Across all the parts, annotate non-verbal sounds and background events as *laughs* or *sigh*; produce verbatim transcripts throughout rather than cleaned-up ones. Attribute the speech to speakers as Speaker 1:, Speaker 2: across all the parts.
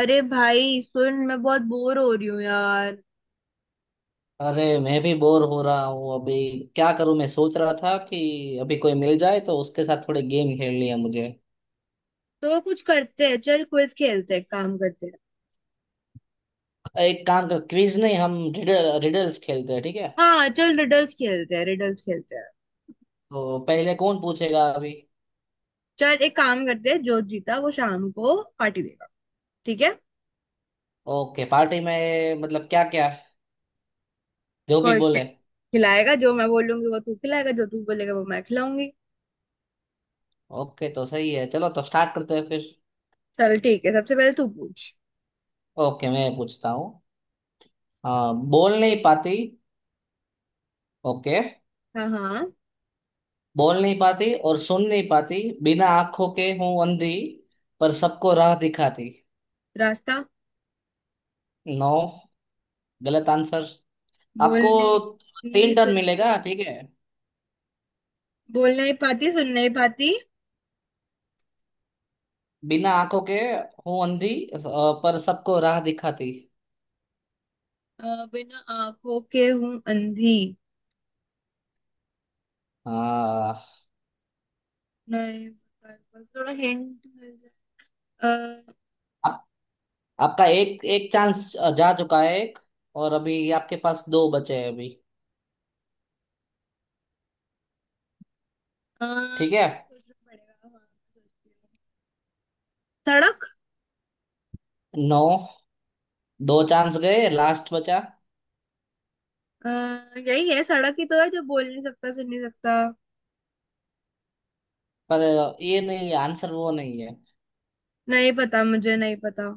Speaker 1: अरे भाई सुन, मैं बहुत बोर हो रही हूँ यार।
Speaker 2: अरे मैं भी बोर हो रहा हूँ अभी। क्या करूँ? मैं सोच रहा था कि अभी कोई मिल जाए तो उसके साथ थोड़े गेम खेल लिया मुझे।
Speaker 1: तो कुछ करते हैं, चल क्विज खेलते हैं, काम करते हैं।
Speaker 2: एक काम कर, क्विज नहीं, हम रिडल रिडल्स खेलते हैं, ठीक है?
Speaker 1: हाँ चल रिडल्स खेलते हैं, रिडल्स खेलते हैं।
Speaker 2: तो पहले कौन पूछेगा अभी?
Speaker 1: चल एक काम करते हैं, जो जीता वो शाम को पार्टी देगा। ठीक है।
Speaker 2: ओके, पार्टी में मतलब क्या क्या? जो भी
Speaker 1: कोई खि-
Speaker 2: बोले।
Speaker 1: खिलाएगा, जो मैं बोलूंगी वो तू खिलाएगा, जो तू बोलेगा वो मैं खिलाऊंगी।
Speaker 2: ओके तो सही है, चलो तो स्टार्ट करते हैं फिर।
Speaker 1: चल ठीक है, सबसे पहले तू पूछ।
Speaker 2: ओके, मैं पूछता हूँ। हाँ, बोल नहीं पाती। ओके।
Speaker 1: हाँ हाँ।
Speaker 2: बोल नहीं पाती और सुन नहीं पाती, बिना आंखों के हूँ अंधी, पर सबको राह दिखाती।
Speaker 1: रास्ता।
Speaker 2: नो, गलत आंसर।
Speaker 1: बोल
Speaker 2: आपको
Speaker 1: नहीं पाती,
Speaker 2: तीन टर्न
Speaker 1: सुन।
Speaker 2: मिलेगा, ठीक है।
Speaker 1: बोल नहीं पाती, सुन नहीं पाती।
Speaker 2: बिना आंखों के हूँ अंधी, अ, पर सबको राह दिखाती।
Speaker 1: अ, बिना आंखों के हूँ अंधी।
Speaker 2: हाँ।
Speaker 1: नहीं पता- थोड़ा हिंट। अ,
Speaker 2: आप, आपका एक एक चांस जा चुका है, एक और अभी आपके पास दो बचे हैं अभी।
Speaker 1: अ,
Speaker 2: ठीक है।
Speaker 1: सोचना पड़ेगा हाँ। सोचती हूँ। सड़क।
Speaker 2: नौ। दो चांस गए, लास्ट बचा।
Speaker 1: अ, यही है, सड़क ही तो है जो बोल नहीं सकता सुन नहीं सकता।
Speaker 2: पर ये नहीं है आंसर, वो नहीं है।
Speaker 1: नहीं पता, मुझे नहीं पता।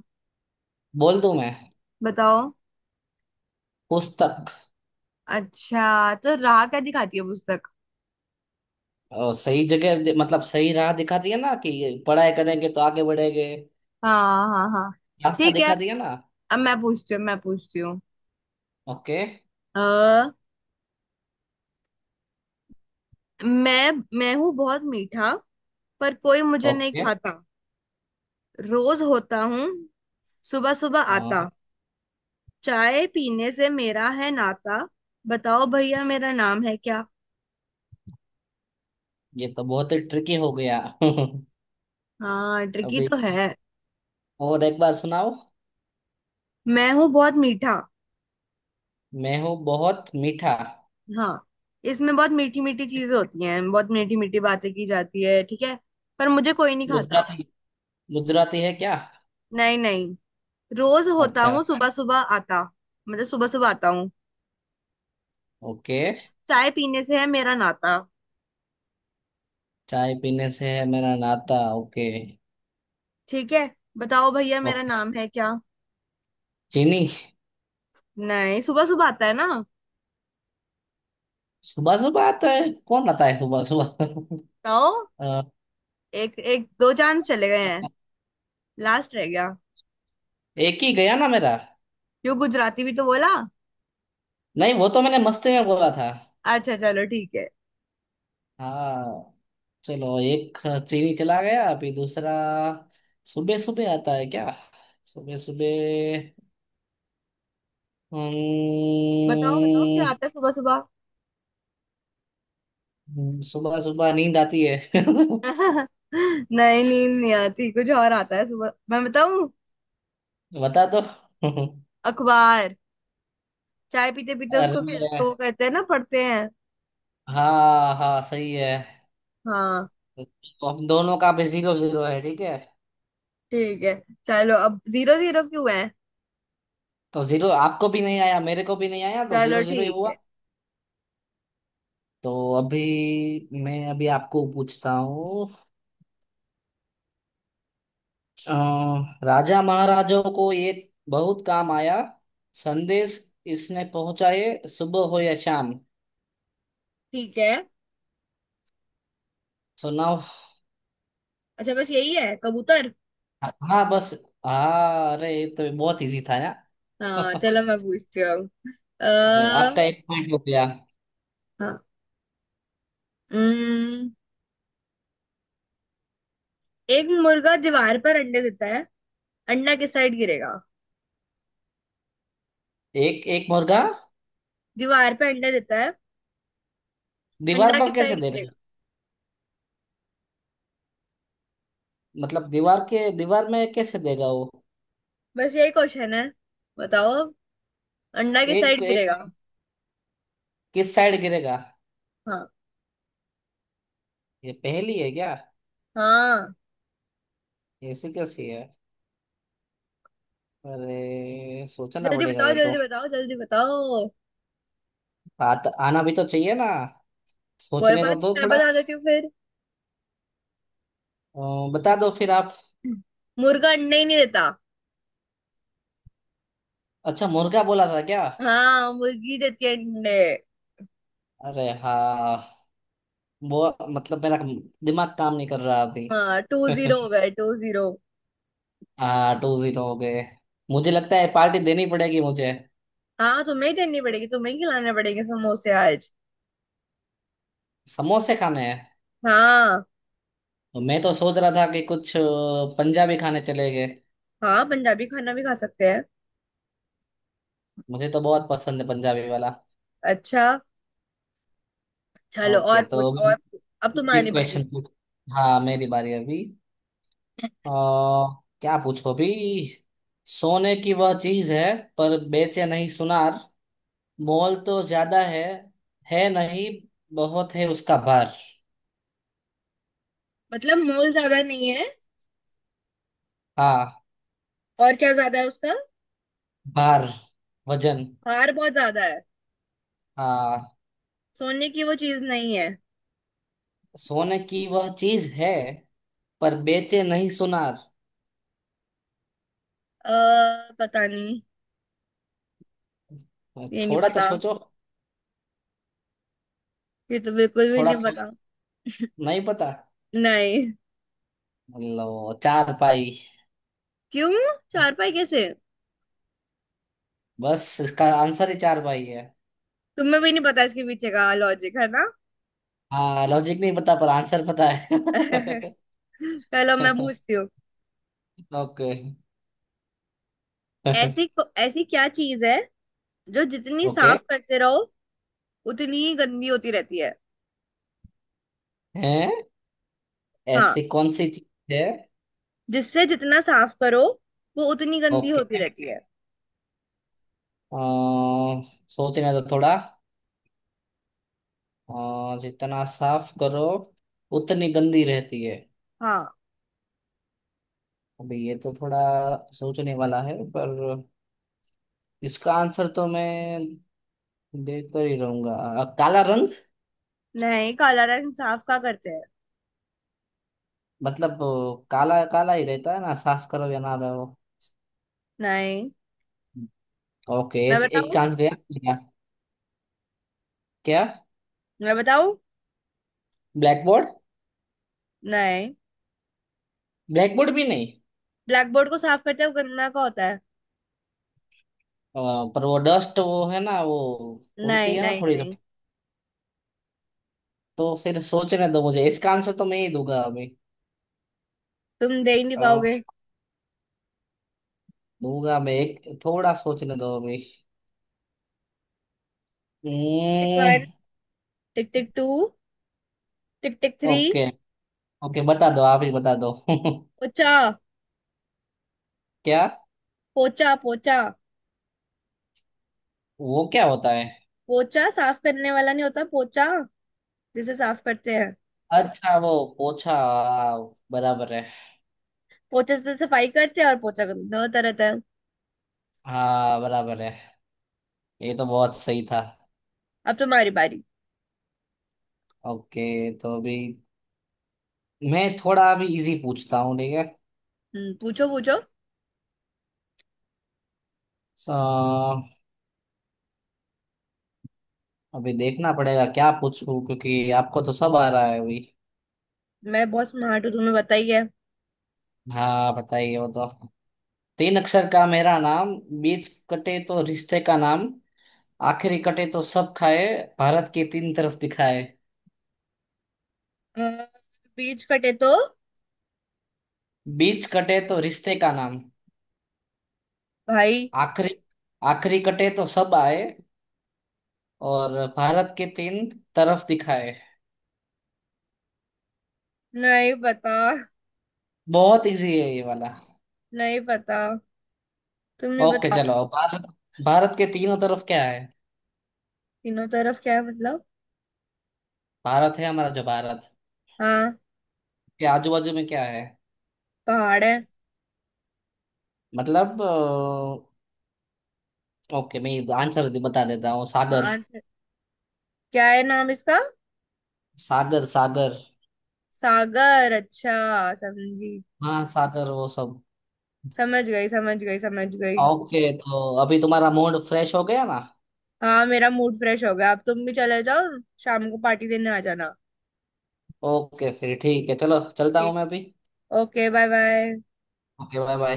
Speaker 2: बोल दूं मैं?
Speaker 1: बताओ।
Speaker 2: पुस्तक।
Speaker 1: अच्छा, तो राह क्या दिखाती है पुस्तक?
Speaker 2: अ, सही जगह दे- मतलब सही राह दिखाती है ना, कि पढ़ाई करेंगे तो आगे बढ़ेंगे।
Speaker 1: हाँ हाँ हाँ।
Speaker 2: रास्ता
Speaker 1: ठीक है।
Speaker 2: दिखाती है ना।
Speaker 1: अब मैं पूछती हूँ, मैं पूछती हूँ।
Speaker 2: ओके।
Speaker 1: अ, मैं मैं हूँ बहुत मीठा, पर कोई मुझे नहीं
Speaker 2: ओके।
Speaker 1: खाता। रोज होता हूँ सुबह सुबह आता,
Speaker 2: हाँ,
Speaker 1: चाय पीने से मेरा है नाता। बताओ भैया मेरा नाम है क्या?
Speaker 2: ये तो बहुत ही ट्रिकी हो गया *laughs*
Speaker 1: हाँ ट्रिकी तो
Speaker 2: अभी
Speaker 1: है।
Speaker 2: और एक बार सुनाओ।
Speaker 1: मैं हूँ बहुत मीठा।
Speaker 2: मैं हूँ बहुत मीठा।
Speaker 1: हाँ। इसमें बहुत मीठी मीठी चीजें होती हैं, बहुत मीठी मीठी बातें की जाती है, ठीक है। पर मुझे कोई नहीं खाता।
Speaker 2: गुजराती? गुजराती है क्या?
Speaker 1: नहीं नहीं। रोज होता
Speaker 2: अच्छा।
Speaker 1: हूँ सुबह सुबह आता। मतलब सुबह सुबह आता हूँ।
Speaker 2: ओके,
Speaker 1: चाय पीने से है मेरा नाता।
Speaker 2: चाय पीने से है मेरा नाता, ओके।
Speaker 1: ठीक है। बताओ भैया मेरा
Speaker 2: ओके।
Speaker 1: नाम है क्या?
Speaker 2: चीनी।
Speaker 1: नहीं, सुबह सुबह आता है ना।
Speaker 2: सुबह सुबह आता है? कौन आता है सुबह सुबह?
Speaker 1: बताओ।
Speaker 2: *laughs* अ,
Speaker 1: एक एक दो चांस चले गए हैं, लास्ट रह गया।
Speaker 2: एक ही गया ना मेरा?
Speaker 1: क्यों, गुजराती भी तो बोला।
Speaker 2: नहीं, वो तो मैंने मस्ती में बोला था।
Speaker 1: अच्छा चलो ठीक है।
Speaker 2: हाँ, चलो, एक चीनी चला गया, अभी दूसरा। सुबह सुबह आता है क्या? सुबह सुबह।
Speaker 1: बताओ बताओ, क्या
Speaker 2: हम्म।
Speaker 1: आता है सुबह सुबह?
Speaker 2: सुबह सुबह नींद आती है *laughs*
Speaker 1: *laughs* नहीं, नींद नहीं आती, कुछ और आता है सुबह, मैं बताऊं?
Speaker 2: बता दो।
Speaker 1: अखबार। चाय पीते पीते उसको फिर उसको वो
Speaker 2: अरे
Speaker 1: कहते हैं ना, पढ़ते हैं।
Speaker 2: हाँ हाँ, सही है।
Speaker 1: हाँ।
Speaker 2: तो हम दोनों का भी जीरो जीरो है, ठीक है।
Speaker 1: ठीक है। चलो अब जीरो जीरो क्यों है?
Speaker 2: तो जीरो आपको भी नहीं आया, मेरे को भी नहीं आया, तो
Speaker 1: चलो
Speaker 2: जीरो जीरो ही
Speaker 1: ठीक है।
Speaker 2: हुआ। तो अभी मैं अभी आपको पूछता हूँ। अ, राजा महाराजों को एक बहुत काम आया, संदेश इसने पहुंचाए सुबह हो या शाम।
Speaker 1: ठीक है।
Speaker 2: So now.
Speaker 1: अच्छा बस यही है, कबूतर।
Speaker 2: हाँ बस। हाँ, अरे ये तो बहुत इजी था
Speaker 1: हाँ
Speaker 2: यार
Speaker 1: चलो
Speaker 2: *laughs*
Speaker 1: मैं पूछती हूँ।
Speaker 2: अरे
Speaker 1: अः
Speaker 2: आपका एक पॉइंट हो गया।
Speaker 1: हाँ। उम्म, एक मुर्गा दीवार पर अंडे देता है, अंडा किस साइड गिरेगा?
Speaker 2: एक एक मुर्गा
Speaker 1: दीवार पे अंडे देता है,
Speaker 2: दीवार
Speaker 1: अंडा
Speaker 2: पर
Speaker 1: किस
Speaker 2: कैसे
Speaker 1: साइड
Speaker 2: देगा?
Speaker 1: गिरेगा?
Speaker 2: मतलब दीवार के दीवार में कैसे देगा वो?
Speaker 1: बस यही क्वेश्चन है, बताओ। अंडा किस
Speaker 2: एक
Speaker 1: साइड
Speaker 2: एक
Speaker 1: गिरेगा?
Speaker 2: किस साइड गिरेगा?
Speaker 1: हाँ,
Speaker 2: ये पहेली है क्या?
Speaker 1: हाँ।
Speaker 2: ऐसी कैसी है? अरे सोचना
Speaker 1: जल्दी
Speaker 2: पड़ेगा
Speaker 1: बताओ
Speaker 2: ये तो।
Speaker 1: जल्दी बताओ जल्दी बताओ।
Speaker 2: आत, आना भी तो चाहिए ना,
Speaker 1: कोई
Speaker 2: सोचने
Speaker 1: बात
Speaker 2: तो
Speaker 1: नहीं,
Speaker 2: दो
Speaker 1: मैं
Speaker 2: थोड़ा।
Speaker 1: बता देती हूँ फिर।
Speaker 2: अ, बता दो फिर आप।
Speaker 1: मुर्गा अंडे ही नहीं देता।
Speaker 2: अच्छा, मुर्गा बोला था क्या?
Speaker 1: हाँ, मुर्गी देती है अंडे।
Speaker 2: अरे हाँ। वो मतलब मेरा दिमाग काम नहीं कर रहा अभी
Speaker 1: हाँ टू जीरो
Speaker 2: *laughs*
Speaker 1: हो गए, टू जीरो।
Speaker 2: हाँ, टू जीरो हो गए। मुझे लगता है पार्टी देनी पड़ेगी मुझे।
Speaker 1: हाँ तुम्हें ही देनी पड़ेगी, तुम्हें ही खिलाने पड़ेंगे समोसे आज।
Speaker 2: समोसे खाने हैं।
Speaker 1: हाँ।
Speaker 2: मैं तो सोच रहा था कि कुछ अ, पंजाबी खाने चले गए।
Speaker 1: हाँ पंजाबी खाना भी खा सकते हैं।
Speaker 2: मुझे तो बहुत पसंद है पंजाबी वाला।
Speaker 1: अच्छा। चलो और
Speaker 2: ओके तो
Speaker 1: पूछ और पूछ। अब
Speaker 2: बिग
Speaker 1: तुम्हारी बारी।
Speaker 2: क्वेश्चन पूछ। हाँ, मेरी बारी अभी। अ, क्या पूछो भी। सोने की वह चीज है, पर बेचे नहीं सुनार, मोल तो ज्यादा है है नहीं, बहुत है उसका भार।
Speaker 1: मतलब मोल ज्यादा नहीं है।
Speaker 2: हाँ।
Speaker 1: और क्या ज्यादा है उसका?
Speaker 2: भार, वजन।
Speaker 1: हार बहुत ज्यादा है।
Speaker 2: हाँ।
Speaker 1: सोने की वो चीज नहीं है।
Speaker 2: सोने की वह चीज है, पर बेचे नहीं सुनार।
Speaker 1: अः पता नहीं। ये नहीं
Speaker 2: थोड़ा तो
Speaker 1: पता।
Speaker 2: सोचो।
Speaker 1: ये तो बिल्कुल भी
Speaker 2: थोड़ा
Speaker 1: नहीं
Speaker 2: सो
Speaker 1: पता।
Speaker 2: नहीं पता।
Speaker 1: नहीं।
Speaker 2: लो, चार पाई।
Speaker 1: क्यों, चारपाई कैसे?
Speaker 2: बस इसका आंसर ही चार पाई है।
Speaker 1: तुम्हें भी नहीं पता इसके पीछे का लॉजिक है ना?
Speaker 2: हाँ, लॉजिक नहीं पता पर आंसर पता है
Speaker 1: *laughs* चलो मैं
Speaker 2: *laughs*
Speaker 1: पूछती हूँ।
Speaker 2: ओके।
Speaker 1: ऐसी को- ऐसी क्या चीज है जो जितनी
Speaker 2: ओके।
Speaker 1: साफ करते रहो उतनी ही गंदी होती रहती है?
Speaker 2: हैं?
Speaker 1: हाँ।
Speaker 2: ऐसी कौन सी चीज है?
Speaker 1: जिससे जितना साफ करो वो उतनी गंदी
Speaker 2: ओके।
Speaker 1: होती रहती है।
Speaker 2: अ, सोचने तो थोड़ा। अ, जितना साफ करो उतनी गंदी रहती है।
Speaker 1: हाँ।
Speaker 2: अभी ये तो थोड़ा सोचने वाला है, पर इसका आंसर तो मैं देख कर ही रहूंगा। अ, काला रंग?
Speaker 1: नहीं, काला रंग साफ का करते हैं।
Speaker 2: मतलब अ, काला काला ही रहता है ना, साफ करो या ना रहो।
Speaker 1: नहीं,
Speaker 2: ओके,
Speaker 1: मैं
Speaker 2: एक, एक
Speaker 1: बताऊं?
Speaker 2: चांस गया मेरा। क्या?
Speaker 1: मैं बताऊं?
Speaker 2: Black board?
Speaker 1: नहीं।
Speaker 2: ब्लैक बोर्ड भी नहीं?
Speaker 1: ब्लैक बोर्ड को साफ करते हैं वो गंदा का होता है।
Speaker 2: अ, पर वो डस्ट वो है ना, वो
Speaker 1: नहीं
Speaker 2: उड़ती है ना
Speaker 1: नहीं
Speaker 2: थोड़ी
Speaker 1: नहीं।
Speaker 2: थोड़ी। तो फिर सोचने दो मुझे, इसका आंसर तो मैं ही दूंगा अभी।
Speaker 1: तुम दे ही नहीं
Speaker 2: अ, दूंगा मैं, एक थोड़ा सोचने दो अभी।
Speaker 1: पाओगे।
Speaker 2: हम्म,
Speaker 1: tick tick two, tick tick three.
Speaker 2: Okay. Okay बता दो, आप ही बता दो *laughs*
Speaker 1: पोचा।
Speaker 2: क्या?
Speaker 1: पोचा पोचा।
Speaker 2: वो क्या होता है?
Speaker 1: पोचा साफ करने वाला नहीं होता, पोचा जिसे साफ करते हैं।
Speaker 2: अच्छा वो पोछा, हाँ, बराबर है।
Speaker 1: पोचे से सफाई करते हैं और पोचा करते हैं, होता रहता है।
Speaker 2: हाँ बराबर है, ये तो बहुत सही था।
Speaker 1: अब तुम्हारी बारी।
Speaker 2: ओके तो अभी मैं थोड़ा अभी इजी पूछता हूँ, ठीक है।
Speaker 1: हम्म, पूछो पूछो।
Speaker 2: सो अभी देखना पड़ेगा क्या पूछूं, क्योंकि आपको तो सब आ रहा है अभी।
Speaker 1: मैं बहुत स्मार्ट हूँ, तुम्हें पता ही है।
Speaker 2: हाँ बताइए वो तो। तीन अक्षर का मेरा नाम, बीच कटे तो रिश्ते का नाम, आखिरी कटे तो सब खाए, भारत की तीन तरफ दिखाए।
Speaker 1: अ, बीच कटे तो,
Speaker 2: बीच कटे तो रिश्ते का नाम।
Speaker 1: भाई।
Speaker 2: आखिरी आखिरी कटे तो सब आए, और भारत के तीन तरफ दिखाए।
Speaker 1: नहीं पता।
Speaker 2: बहुत इजी है ये वाला।
Speaker 1: नहीं पता, तुम ही
Speaker 2: ओके
Speaker 1: बताओ।
Speaker 2: चलो, भारत। भारत के तीनों तरफ क्या है?
Speaker 1: तीनों तरफ क्या है मतलब?
Speaker 2: भारत है हमारा, जो भारत
Speaker 1: हाँ।
Speaker 2: के आजू बाजू में क्या है?
Speaker 1: पहाड़ है।
Speaker 2: मतलब अ, ओके, मैं आंसर बता देता हूँ,
Speaker 1: हाँ
Speaker 2: सागर।
Speaker 1: आंसर। क्या है नाम इसका?
Speaker 2: सागर सागर।
Speaker 1: सागर? अच्छा समझी।
Speaker 2: हाँ सागर, वो सब।
Speaker 1: समझ गई समझ गई समझ गई।
Speaker 2: ओके तो अभी तुम्हारा मूड फ्रेश हो गया ना?
Speaker 1: हाँ मेरा मूड फ्रेश हो गया, अब तुम भी चले जाओ। शाम को पार्टी देने आ जाना।
Speaker 2: ओके फिर ठीक है, चलो चलता हूँ
Speaker 1: ठीक।
Speaker 2: मैं अभी।
Speaker 1: Okay bye bye.
Speaker 2: Okay, bye bye.